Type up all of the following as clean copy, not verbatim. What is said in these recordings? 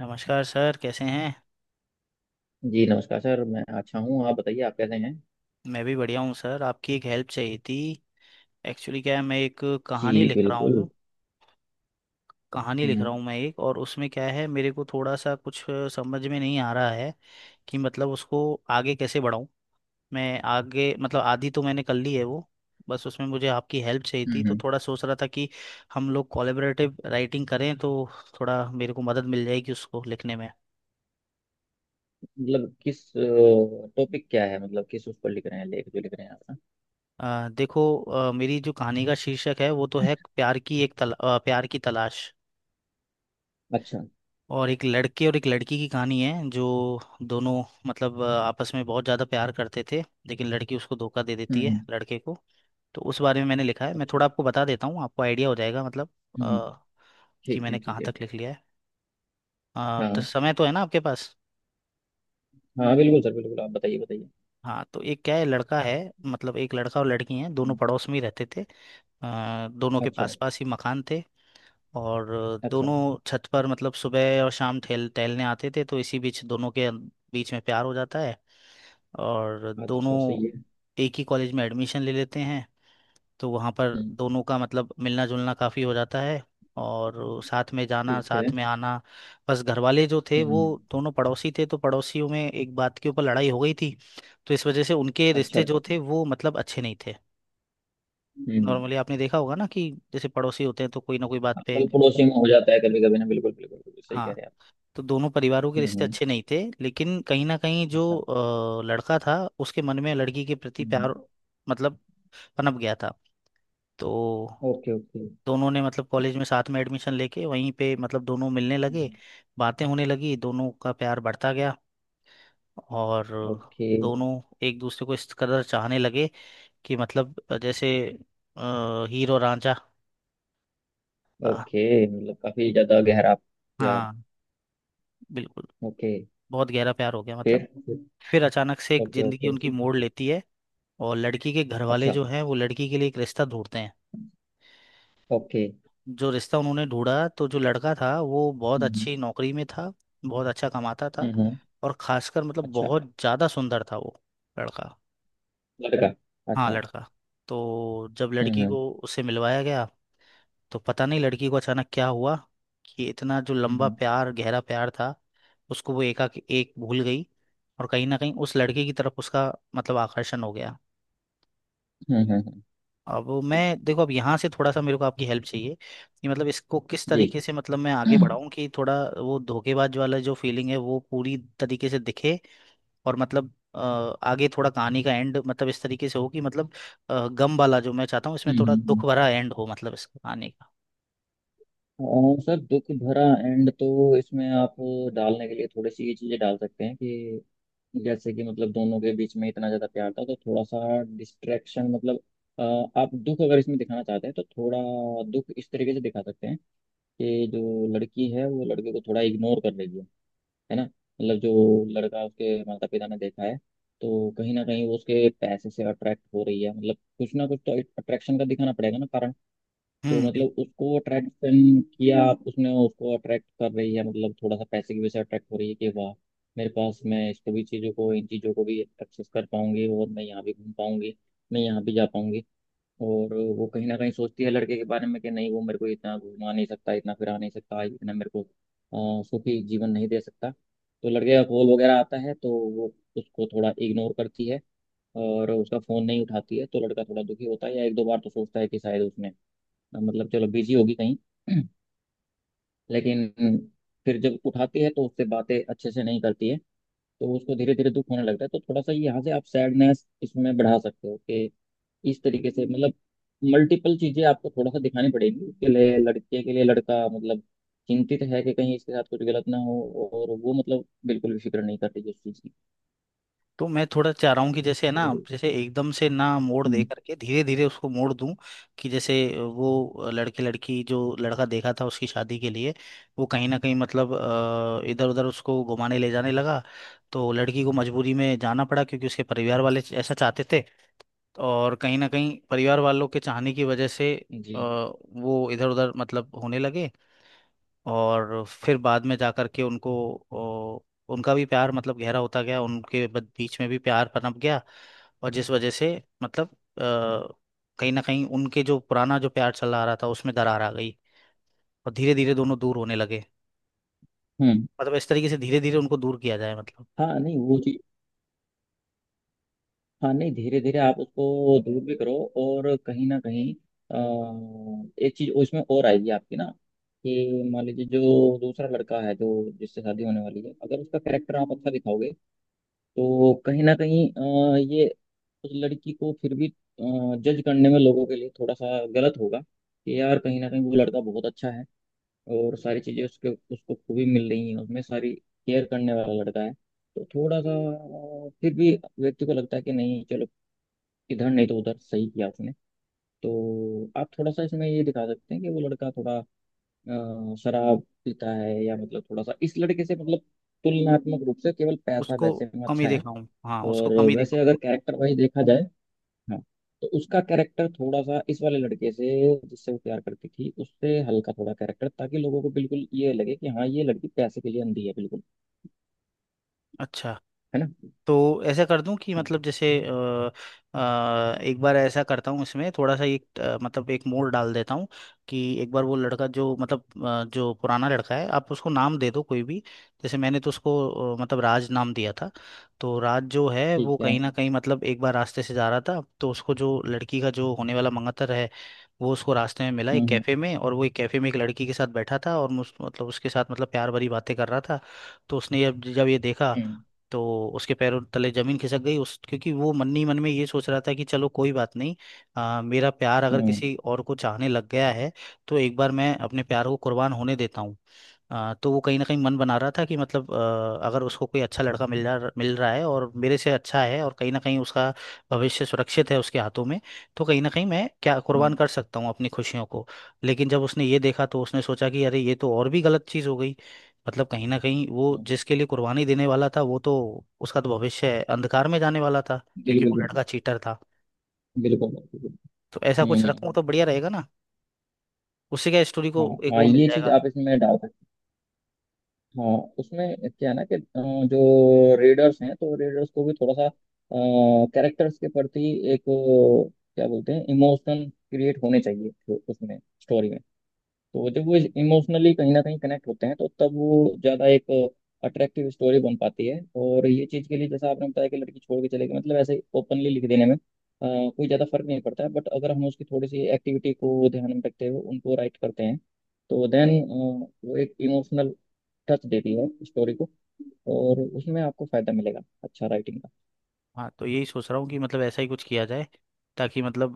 नमस्कार सर, कैसे हैं। जी नमस्कार सर। मैं अच्छा हूँ। आप बताइए, आप कैसे हैं? मैं भी बढ़िया हूँ सर। आपकी एक हेल्प चाहिए थी। एक्चुअली क्या है, मैं एक जी कहानी लिख रहा बिल्कुल। हूँ। कहानी लिख रहा हम्म हूँ मैं एक, और उसमें क्या है, मेरे को थोड़ा सा कुछ समझ में नहीं आ रहा है कि मतलब उसको आगे कैसे बढ़ाऊँ मैं आगे। मतलब आधी तो मैंने कर ली है वो। बस उसमें मुझे आपकी हेल्प चाहिए थी, हम्म तो हम्म। थोड़ा सोच रहा था कि हम लोग कोलेबरेटिव राइटिंग करें तो थोड़ा मेरे को मदद मिल जाएगी उसको लिखने में। मतलब किस टॉपिक क्या है, मतलब किस उस पर लिख रहे हैं, लेख जो लिख रहे हैं आप? देखो, मेरी जो कहानी का शीर्षक है वो तो है प्यार की एक प्यार की तलाश। अच्छा। और एक लड़के और एक लड़की की कहानी है, जो दोनों मतलब आपस में बहुत ज़्यादा प्यार करते थे, लेकिन लड़की उसको धोखा दे हम्म देती है हम्म, लड़के को। तो उस बारे में मैंने लिखा है, मैं अच्छा। थोड़ा आपको बता देता हूँ, आपको आइडिया हो जाएगा मतलब हम्म, अ, कि ठीक है मैंने ठीक कहाँ है। तक लिख लिया है। तो हाँ समय तो है ना आपके पास। हाँ, बिल्कुल सर, बिल्कुल, आप बताइए बताइए। हाँ, तो एक क्या है लड़का है, मतलब एक लड़का और लड़की हैं, दोनों हम्म, पड़ोस में ही रहते थे। दोनों के अच्छा पास पास ही मकान थे, और अच्छा। दोनों छत पर मतलब सुबह और शाम ठेल टहलने आते थे, तो इसी बीच दोनों के बीच में प्यार हो जाता है। और दोनों अच्छा, सही है। एक ही कॉलेज में एडमिशन ले लेते हैं, तो वहाँ पर हम्म, दोनों का मतलब मिलना जुलना काफ़ी हो जाता है, और साथ में जाना, ठीक साथ है। में आना। बस घर वाले जो थे हम्म वो, हम्म। दोनों पड़ोसी थे तो पड़ोसियों में एक बात के ऊपर लड़ाई हो गई थी, तो इस वजह से उनके अच्छा रिश्ते अच्छा। जो थे वो मतलब अच्छे नहीं थे। हम्म, नॉर्मली आपने देखा होगा ना कि जैसे पड़ोसी होते हैं तो कोई ना कोई बात पे। मतलब पड़ोसियों में हो जाता है कभी कभी ना। बिल्कुल बिल्कुल बिल्कुल, सही कह हाँ, रहे हैं आप। तो दोनों परिवारों के रिश्ते हम्म, अच्छे नहीं थे, लेकिन कहीं ना कहीं जो अच्छा। लड़का था उसके मन में लड़की के प्रति हम्म हम्म। प्यार मतलब पनप गया था। तो ओके ओके। दोनों ने मतलब कॉलेज में साथ में एडमिशन लेके वहीं पे मतलब दोनों मिलने लगे, हम्म, बातें होने लगी, दोनों का प्यार बढ़ता गया। और ओके दोनों एक दूसरे को इस कदर चाहने लगे कि मतलब जैसे हीरो रांझा, अ, ओके, मतलब काफी ज्यादा गहरा यार। हाँ, बिल्कुल, ओके। बहुत गहरा प्यार हो गया मतलब। फिर? फिर अचानक से एक ओके जिंदगी ओके। उनकी मोड़ लेती है, और लड़की के घर वाले अच्छा। जो हैं वो लड़की के लिए एक रिश्ता ढूंढते हैं। ओके। जो रिश्ता उन्होंने ढूंढा, तो जो लड़का था वो बहुत हम्म अच्छी नौकरी में था, बहुत अच्छा कमाता था, हम्म हम्म, और खासकर मतलब अच्छा। बहुत ज़्यादा सुंदर था वो लड़का। लड़का? हाँ अच्छा। लड़का। तो जब लड़की हम्म। को उससे मिलवाया गया, तो पता नहीं लड़की को अचानक क्या हुआ कि इतना जो लंबा हम्म प्यार, गहरा प्यार था, उसको वो एकाएक एक भूल गई। और कहीं ना कहीं उस लड़के की तरफ उसका मतलब आकर्षण हो गया। हम्म हम्म, हम्म, अब मैं देखो, अब यहाँ से थोड़ा सा मेरे को आपकी हेल्प चाहिए कि मतलब इसको किस जी। तरीके से मतलब मैं आगे हम्म बढ़ाऊं कि थोड़ा वो धोखेबाज वाला जो फीलिंग है वो पूरी तरीके से दिखे, और मतलब आगे थोड़ा कहानी का एंड मतलब इस तरीके से हो कि मतलब गम वाला जो मैं चाहता हूँ, इसमें हम्म, थोड़ा हम्म, दुख भरा एंड हो मतलब इस कहानी का। और सर दुख भरा एंड तो इसमें आप डालने के लिए थोड़ी सी ये चीजें डाल सकते हैं कि जैसे कि मतलब दोनों के बीच में इतना ज्यादा प्यार था तो थोड़ा सा डिस्ट्रैक्शन, मतलब, अ, आप दुख अगर इसमें दिखाना चाहते हैं तो थोड़ा दुख इस तरीके से दिखा सकते हैं कि जो लड़की है वो लड़के को थोड़ा इग्नोर कर रही है ना। मतलब जो लड़का उसके माता पिता ने देखा है तो कहीं ना कहीं वो उसके पैसे से अट्रैक्ट हो रही है, मतलब कुछ ना कुछ तो अट्रैक्शन का दिखाना पड़ेगा ना कारण। तो हम्म मतलब उसको अट्रैक्शन किया, उसने उसको अट्रैक्ट कर रही है, मतलब थोड़ा सा पैसे की वजह से अट्रैक्ट हो रही है कि वाह, मेरे पास मैं इसको भी चीज़ों को, इन चीज़ों को भी एक्सेस कर पाऊंगी, और मैं यहाँ भी घूम पाऊंगी, मैं यहाँ भी जा पाऊंगी। और वो कहीं ना कहीं सोचती है लड़के के बारे में कि नहीं, वो मेरे को इतना घुमा नहीं सकता, इतना फिरा नहीं सकता, इतना मेरे को सुखी जीवन नहीं दे सकता। तो लड़के का कॉल वगैरह आता है तो वो उसको थोड़ा इग्नोर करती है और उसका फ़ोन नहीं उठाती है, तो लड़का थोड़ा दुखी होता है। या एक दो बार तो सोचता है कि शायद उसने, मतलब चलो बिजी होगी कहीं। लेकिन फिर जब उठाती है तो उससे बातें अच्छे से नहीं करती है, तो उसको धीरे धीरे दुख होने लगता है। तो थोड़ा सा यहाँ से आप सैडनेस इसमें बढ़ा सकते हो कि इस तरीके से, मतलब मल्टीपल चीजें आपको थोड़ा सा दिखानी पड़ेगी उसके लिए। लड़के के लिए लड़का मतलब चिंतित है कि कहीं इसके साथ कुछ गलत ना हो, और वो मतलब बिल्कुल भी फिक्र नहीं करती इस चीज की। तो मैं थोड़ा चाह रहा हूँ कि जैसे है ना, तो जैसे एकदम से ना मोड़ दे हम्म, करके धीरे धीरे उसको मोड़ दूं कि जैसे वो लड़के लड़की जो लड़का देखा था उसकी शादी के लिए, वो कहीं ना कहीं मतलब इधर उधर उसको घुमाने ले जाने लगा, तो लड़की को मजबूरी में जाना पड़ा, क्योंकि उसके परिवार वाले ऐसा चाहते थे। और कहीं ना कहीं परिवार वालों के चाहने की वजह से जी, वो इधर उधर मतलब होने लगे। और फिर बाद में जाकर के उनको, ओ, उनका भी प्यार मतलब गहरा होता गया, उनके बीच में भी प्यार पनप गया। और जिस वजह से मतलब कहीं ना कहीं उनके जो पुराना जो प्यार चला आ रहा था, उसमें दरार आ गई, और धीरे धीरे दोनों दूर होने लगे। हम्म, मतलब इस तरीके से धीरे धीरे उनको दूर किया जाए मतलब। हाँ, नहीं, वो चीज, हाँ नहीं धीरे धीरे आप उसको दूर भी करो, और कहीं ना कहीं, एक चीज उसमें और आएगी आपकी ना कि मान लीजिए जो दूसरा लड़का है जो जिससे शादी होने वाली है, अगर उसका कैरेक्टर आप अच्छा दिखाओगे तो कहीं ना कहीं, ये उस लड़की को फिर भी जज करने में लोगों के लिए थोड़ा सा गलत होगा कि यार कहीं ना कहीं वो लड़का बहुत अच्छा है, और सारी चीज़ें उसके उसको खूबी मिल रही हैं, उसमें सारी केयर करने वाला लड़का है। तो थोड़ा सा, फिर भी व्यक्ति को लगता है कि नहीं चलो, इधर नहीं तो उधर सही किया उसने। तो आप थोड़ा सा इसमें ये दिखा सकते हैं कि वो लड़का थोड़ा शराब पीता है, या मतलब थोड़ा सा इस लड़के से मतलब तुलनात्मक रूप से केवल पैसा उसको वैसे में कम अच्छा ही है। देखा हूँ, हाँ, उसको और कम ही देखा वैसे हूँ। अगर कैरेक्टर वाइज देखा जाए, हाँ, तो उसका कैरेक्टर थोड़ा सा इस वाले लड़के से, जिससे वो प्यार करती थी उससे हल्का थोड़ा कैरेक्टर, ताकि लोगों को बिल्कुल ये लगे कि हाँ, ये लड़की पैसे के लिए अंधी है बिल्कुल, अच्छा, है ना। तो ऐसा कर दूं कि हाँ। मतलब जैसे एक बार ऐसा करता हूँ, इसमें थोड़ा सा एक, मतलब एक मोड़ डाल देता हूँ कि एक बार वो लड़का जो मतलब जो पुराना लड़का है, आप उसको नाम दे दो कोई भी, जैसे मैंने तो उसको मतलब राज नाम दिया था। तो राज जो है वो ठीक है। कहीं ना कहीं मतलब एक बार रास्ते से जा रहा था, तो उसको जो लड़की का जो होने वाला मंगतर है, वो उसको रास्ते में मिला एक हम्म हम्म कैफ़े में, और वो एक कैफ़े में एक लड़की के साथ बैठा था, और मतलब उसके साथ मतलब प्यार भरी बातें कर रहा था। तो उसने जब जब ये देखा, हम्म तो उसके पैरों तले जमीन खिसक गई उस, क्योंकि वो मन ही मन में ये सोच रहा था कि चलो कोई बात नहीं, मेरा प्यार अगर हम्म किसी और को चाहने लग गया है, तो एक बार मैं अपने प्यार को कुर्बान होने देता हूँ। तो वो कहीं ना कहीं मन बना रहा था कि मतलब अगर उसको कोई अच्छा लड़का मिल रहा है और मेरे से अच्छा है, और कहीं ना कहीं उसका भविष्य सुरक्षित है उसके हाथों में, तो कहीं ना कहीं मैं क्या कुर्बान हम्म, कर सकता हूँ अपनी खुशियों को। लेकिन जब उसने ये देखा, तो उसने सोचा कि अरे, ये तो और भी गलत चीज़ हो गई। मतलब कहीं ना कहीं वो हम्म, जिसके लिए कुर्बानी देने वाला था, वो तो, उसका तो भविष्य अंधकार में जाने वाला था, क्योंकि बिल्कुल वो बिल्कुल, लड़का चीटर था। बिल्कुल बिल्कुल, तो ऐसा हम्म कुछ हम्म, रखूँ हम्म, तो बढ़िया रहेगा ना, उससे क्या स्टोरी को हाँ एक हाँ, वो मिल ये चीज जाएगा। आप इसमें डाल सकते हैं। हाँ, उसमें क्या है ना कि, जो रीडर्स हैं तो रीडर्स को भी थोड़ा सा कैरेक्टर्स के प्रति एक, क्या बोलते हैं, इमोशन क्रिएट होने चाहिए, तो उसमें स्टोरी में। तो जब वो इमोशनली कहीं ना कहीं कनेक्ट होते हैं तो तब वो ज्यादा एक अट्रैक्टिव स्टोरी बन पाती है। और ये चीज के लिए जैसा आपने बताया कि लड़की छोड़ के चले गई, मतलब ऐसे ओपनली लिख देने में, कोई ज्यादा फर्क नहीं पड़ता है, बट अगर हम उसकी थोड़ी सी एक्टिविटी को ध्यान में रखते हुए उनको राइट करते हैं तो देन वो एक इमोशनल टच देती है स्टोरी को, और उसमें आपको फायदा मिलेगा अच्छा राइटिंग का। हाँ, तो यही सोच रहा हूँ कि मतलब ऐसा ही कुछ किया जाए ताकि मतलब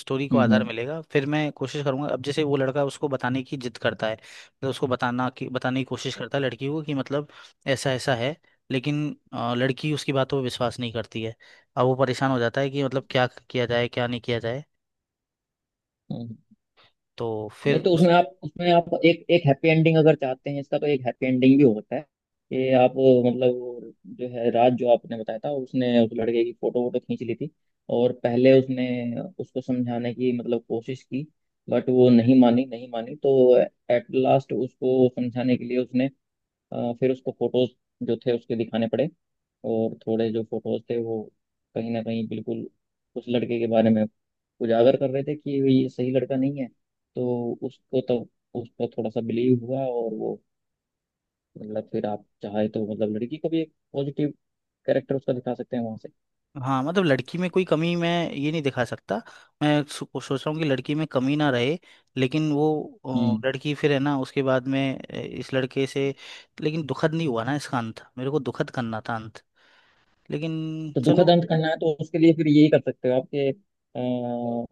स्टोरी को आधार हम्म मिलेगा। फिर मैं कोशिश करूंगा, अब जैसे वो लड़का उसको बताने की जिद करता है, मतलब उसको बताना की बताने की कोशिश करता है लड़की को कि मतलब ऐसा ऐसा है, लेकिन लड़की उसकी बातों पर विश्वास नहीं करती है। अब वो परेशान हो जाता है कि मतलब क्या किया जाए, क्या नहीं किया जाए। हम्म। तो नहीं फिर, तो उसमें आप एक एक हैप्पी एंडिंग अगर चाहते हैं इसका, तो एक हैप्पी एंडिंग भी होता है कि आप मतलब वो जो है राज, जो आपने बताया था, उसने उस लड़के की फोटो वोटो खींच ली थी। और पहले उसने उसको समझाने की मतलब कोशिश की, बट वो नहीं मानी नहीं मानी, तो एट लास्ट उसको समझाने के लिए उसने, फिर उसको फोटोज जो थे उसके दिखाने पड़े। और थोड़े जो फोटोज थे वो कहीं ना कहीं बिल्कुल उस लड़के के बारे में उजागर कर रहे थे कि ये सही लड़का नहीं है। तो उसको तो उस पर थोड़ा सा बिलीव हुआ, और वो मतलब, फिर आप चाहे तो मतलब लड़की को भी एक पॉजिटिव कैरेक्टर उसका दिखा सकते हैं वहां से। हाँ मतलब लड़की में कोई कमी मैं ये नहीं दिखा सकता, मैं सोच रहा हूँ कि लड़की में कमी ना रहे, लेकिन वो हम्म। लड़की फिर है ना उसके बाद में इस लड़के से, लेकिन दुखद नहीं हुआ ना इसका अंत, मेरे को दुखद करना था अंत, लेकिन तो दुखद चलो अंत करना है तो उसके लिए फिर यही कर सकते हो आपके।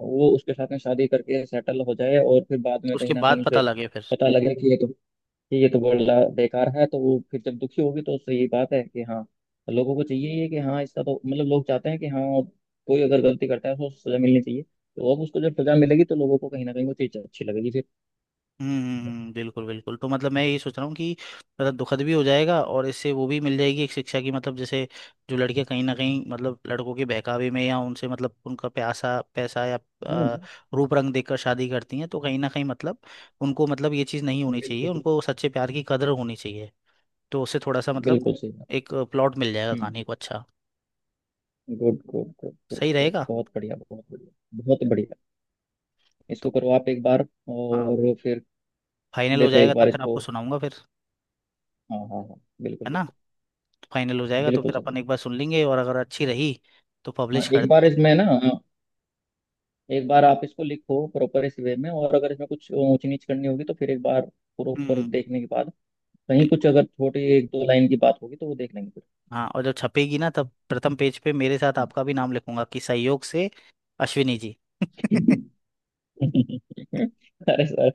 वो उसके साथ में शादी करके सेटल हो जाए, और फिर बाद में कहीं उसके ना कहीं बाद पता उसे लगे फिर। पता लगे कि ये तो, बोलना बेकार है, तो वो फिर जब दुखी होगी तो सही बात है कि हाँ, लोगों को चाहिए ये कि हाँ, इसका तो मतलब, लोग चाहते हैं कि हाँ, कोई अगर गलती करता है तो उसको सजा मिलनी चाहिए। तो अब उसको जब सजा मिलेगी तो लोगों को कहीं ना कहीं वो चीज अच्छी लगेगी फिर। बिल्कुल बिल्कुल, तो मतलब मैं ये सोच रहा हूँ कि मतलब दुखद भी हो जाएगा, और इससे वो भी मिल जाएगी एक शिक्षा की, मतलब जैसे जो लड़कियां कहीं ना कहीं मतलब लड़कों के बहकावे में या उनसे मतलब उनका प्यासा पैसा या हाँ, आ, रूप रंग देखकर शादी करती हैं, तो कहीं ना कहीं मतलब उनको मतलब ये चीज़ नहीं होनी चाहिए, बिल्कुल बिल्कुल, उनको सच्चे प्यार की कदर होनी चाहिए। तो उससे थोड़ा सा मतलब बिल्कुल सही बात। एक प्लॉट मिल जाएगा हम्म, कहानी को। अच्छा गुड गुड गुड गुड सही गुड, रहेगा। बहुत बढ़िया बहुत बढ़िया, बहुत बढ़िया। तो इसको करो आप एक बार, हाँ, और फिर फाइनल हो देखो जाएगा एक तब बार फिर इसको। आपको सुनाऊंगा फिर, हाँ हाँ हाँ, बिल्कुल है ना। बिल्कुल, फाइनल हो जाएगा तो बिल्कुल फिर सर अपन एक बिल्कुल। बार सुन लेंगे, और अगर अच्छी रही तो हाँ पब्लिश कर एक बार देंगे। इसमें ना, हाँ, एक बार आप इसको लिखो प्रॉपर इस वे में, और अगर इसमें कुछ ऊंच नीच करनी होगी तो फिर एक बार प्रॉपर हम्म, देखने के बाद कहीं कुछ बिल्कुल। अगर छोटी एक दो लाइन की बात होगी तो वो देख लेंगे फिर। हाँ, और जब छपेगी ना तब प्रथम पेज पे मेरे साथ आपका भी नाम लिखूंगा कि सहयोग से अश्विनी जी। अरे सर,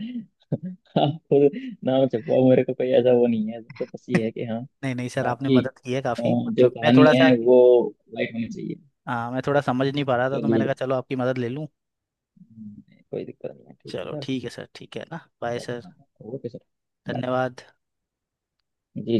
आप खुद नाम छपवाओ, मेरे को कोई ऐसा वो नहीं है। तो बस ये है कि हाँ, नहीं नहीं सर, आपने आपकी मदद की है काफी, जो मतलब मैं कहानी थोड़ा है सा, वो लाइट होनी चाहिए। हाँ मैं थोड़ा समझ नहीं पा रहा था तो चलिए, मैंने कहा चलो आपकी मदद ले लूं। हम्म, कोई दिक्कत नहीं है, ठीक चलो है ठीक है सर, ठीक है ना, bye sir. Sir, okay sir, bye, धन्यवाद। जी।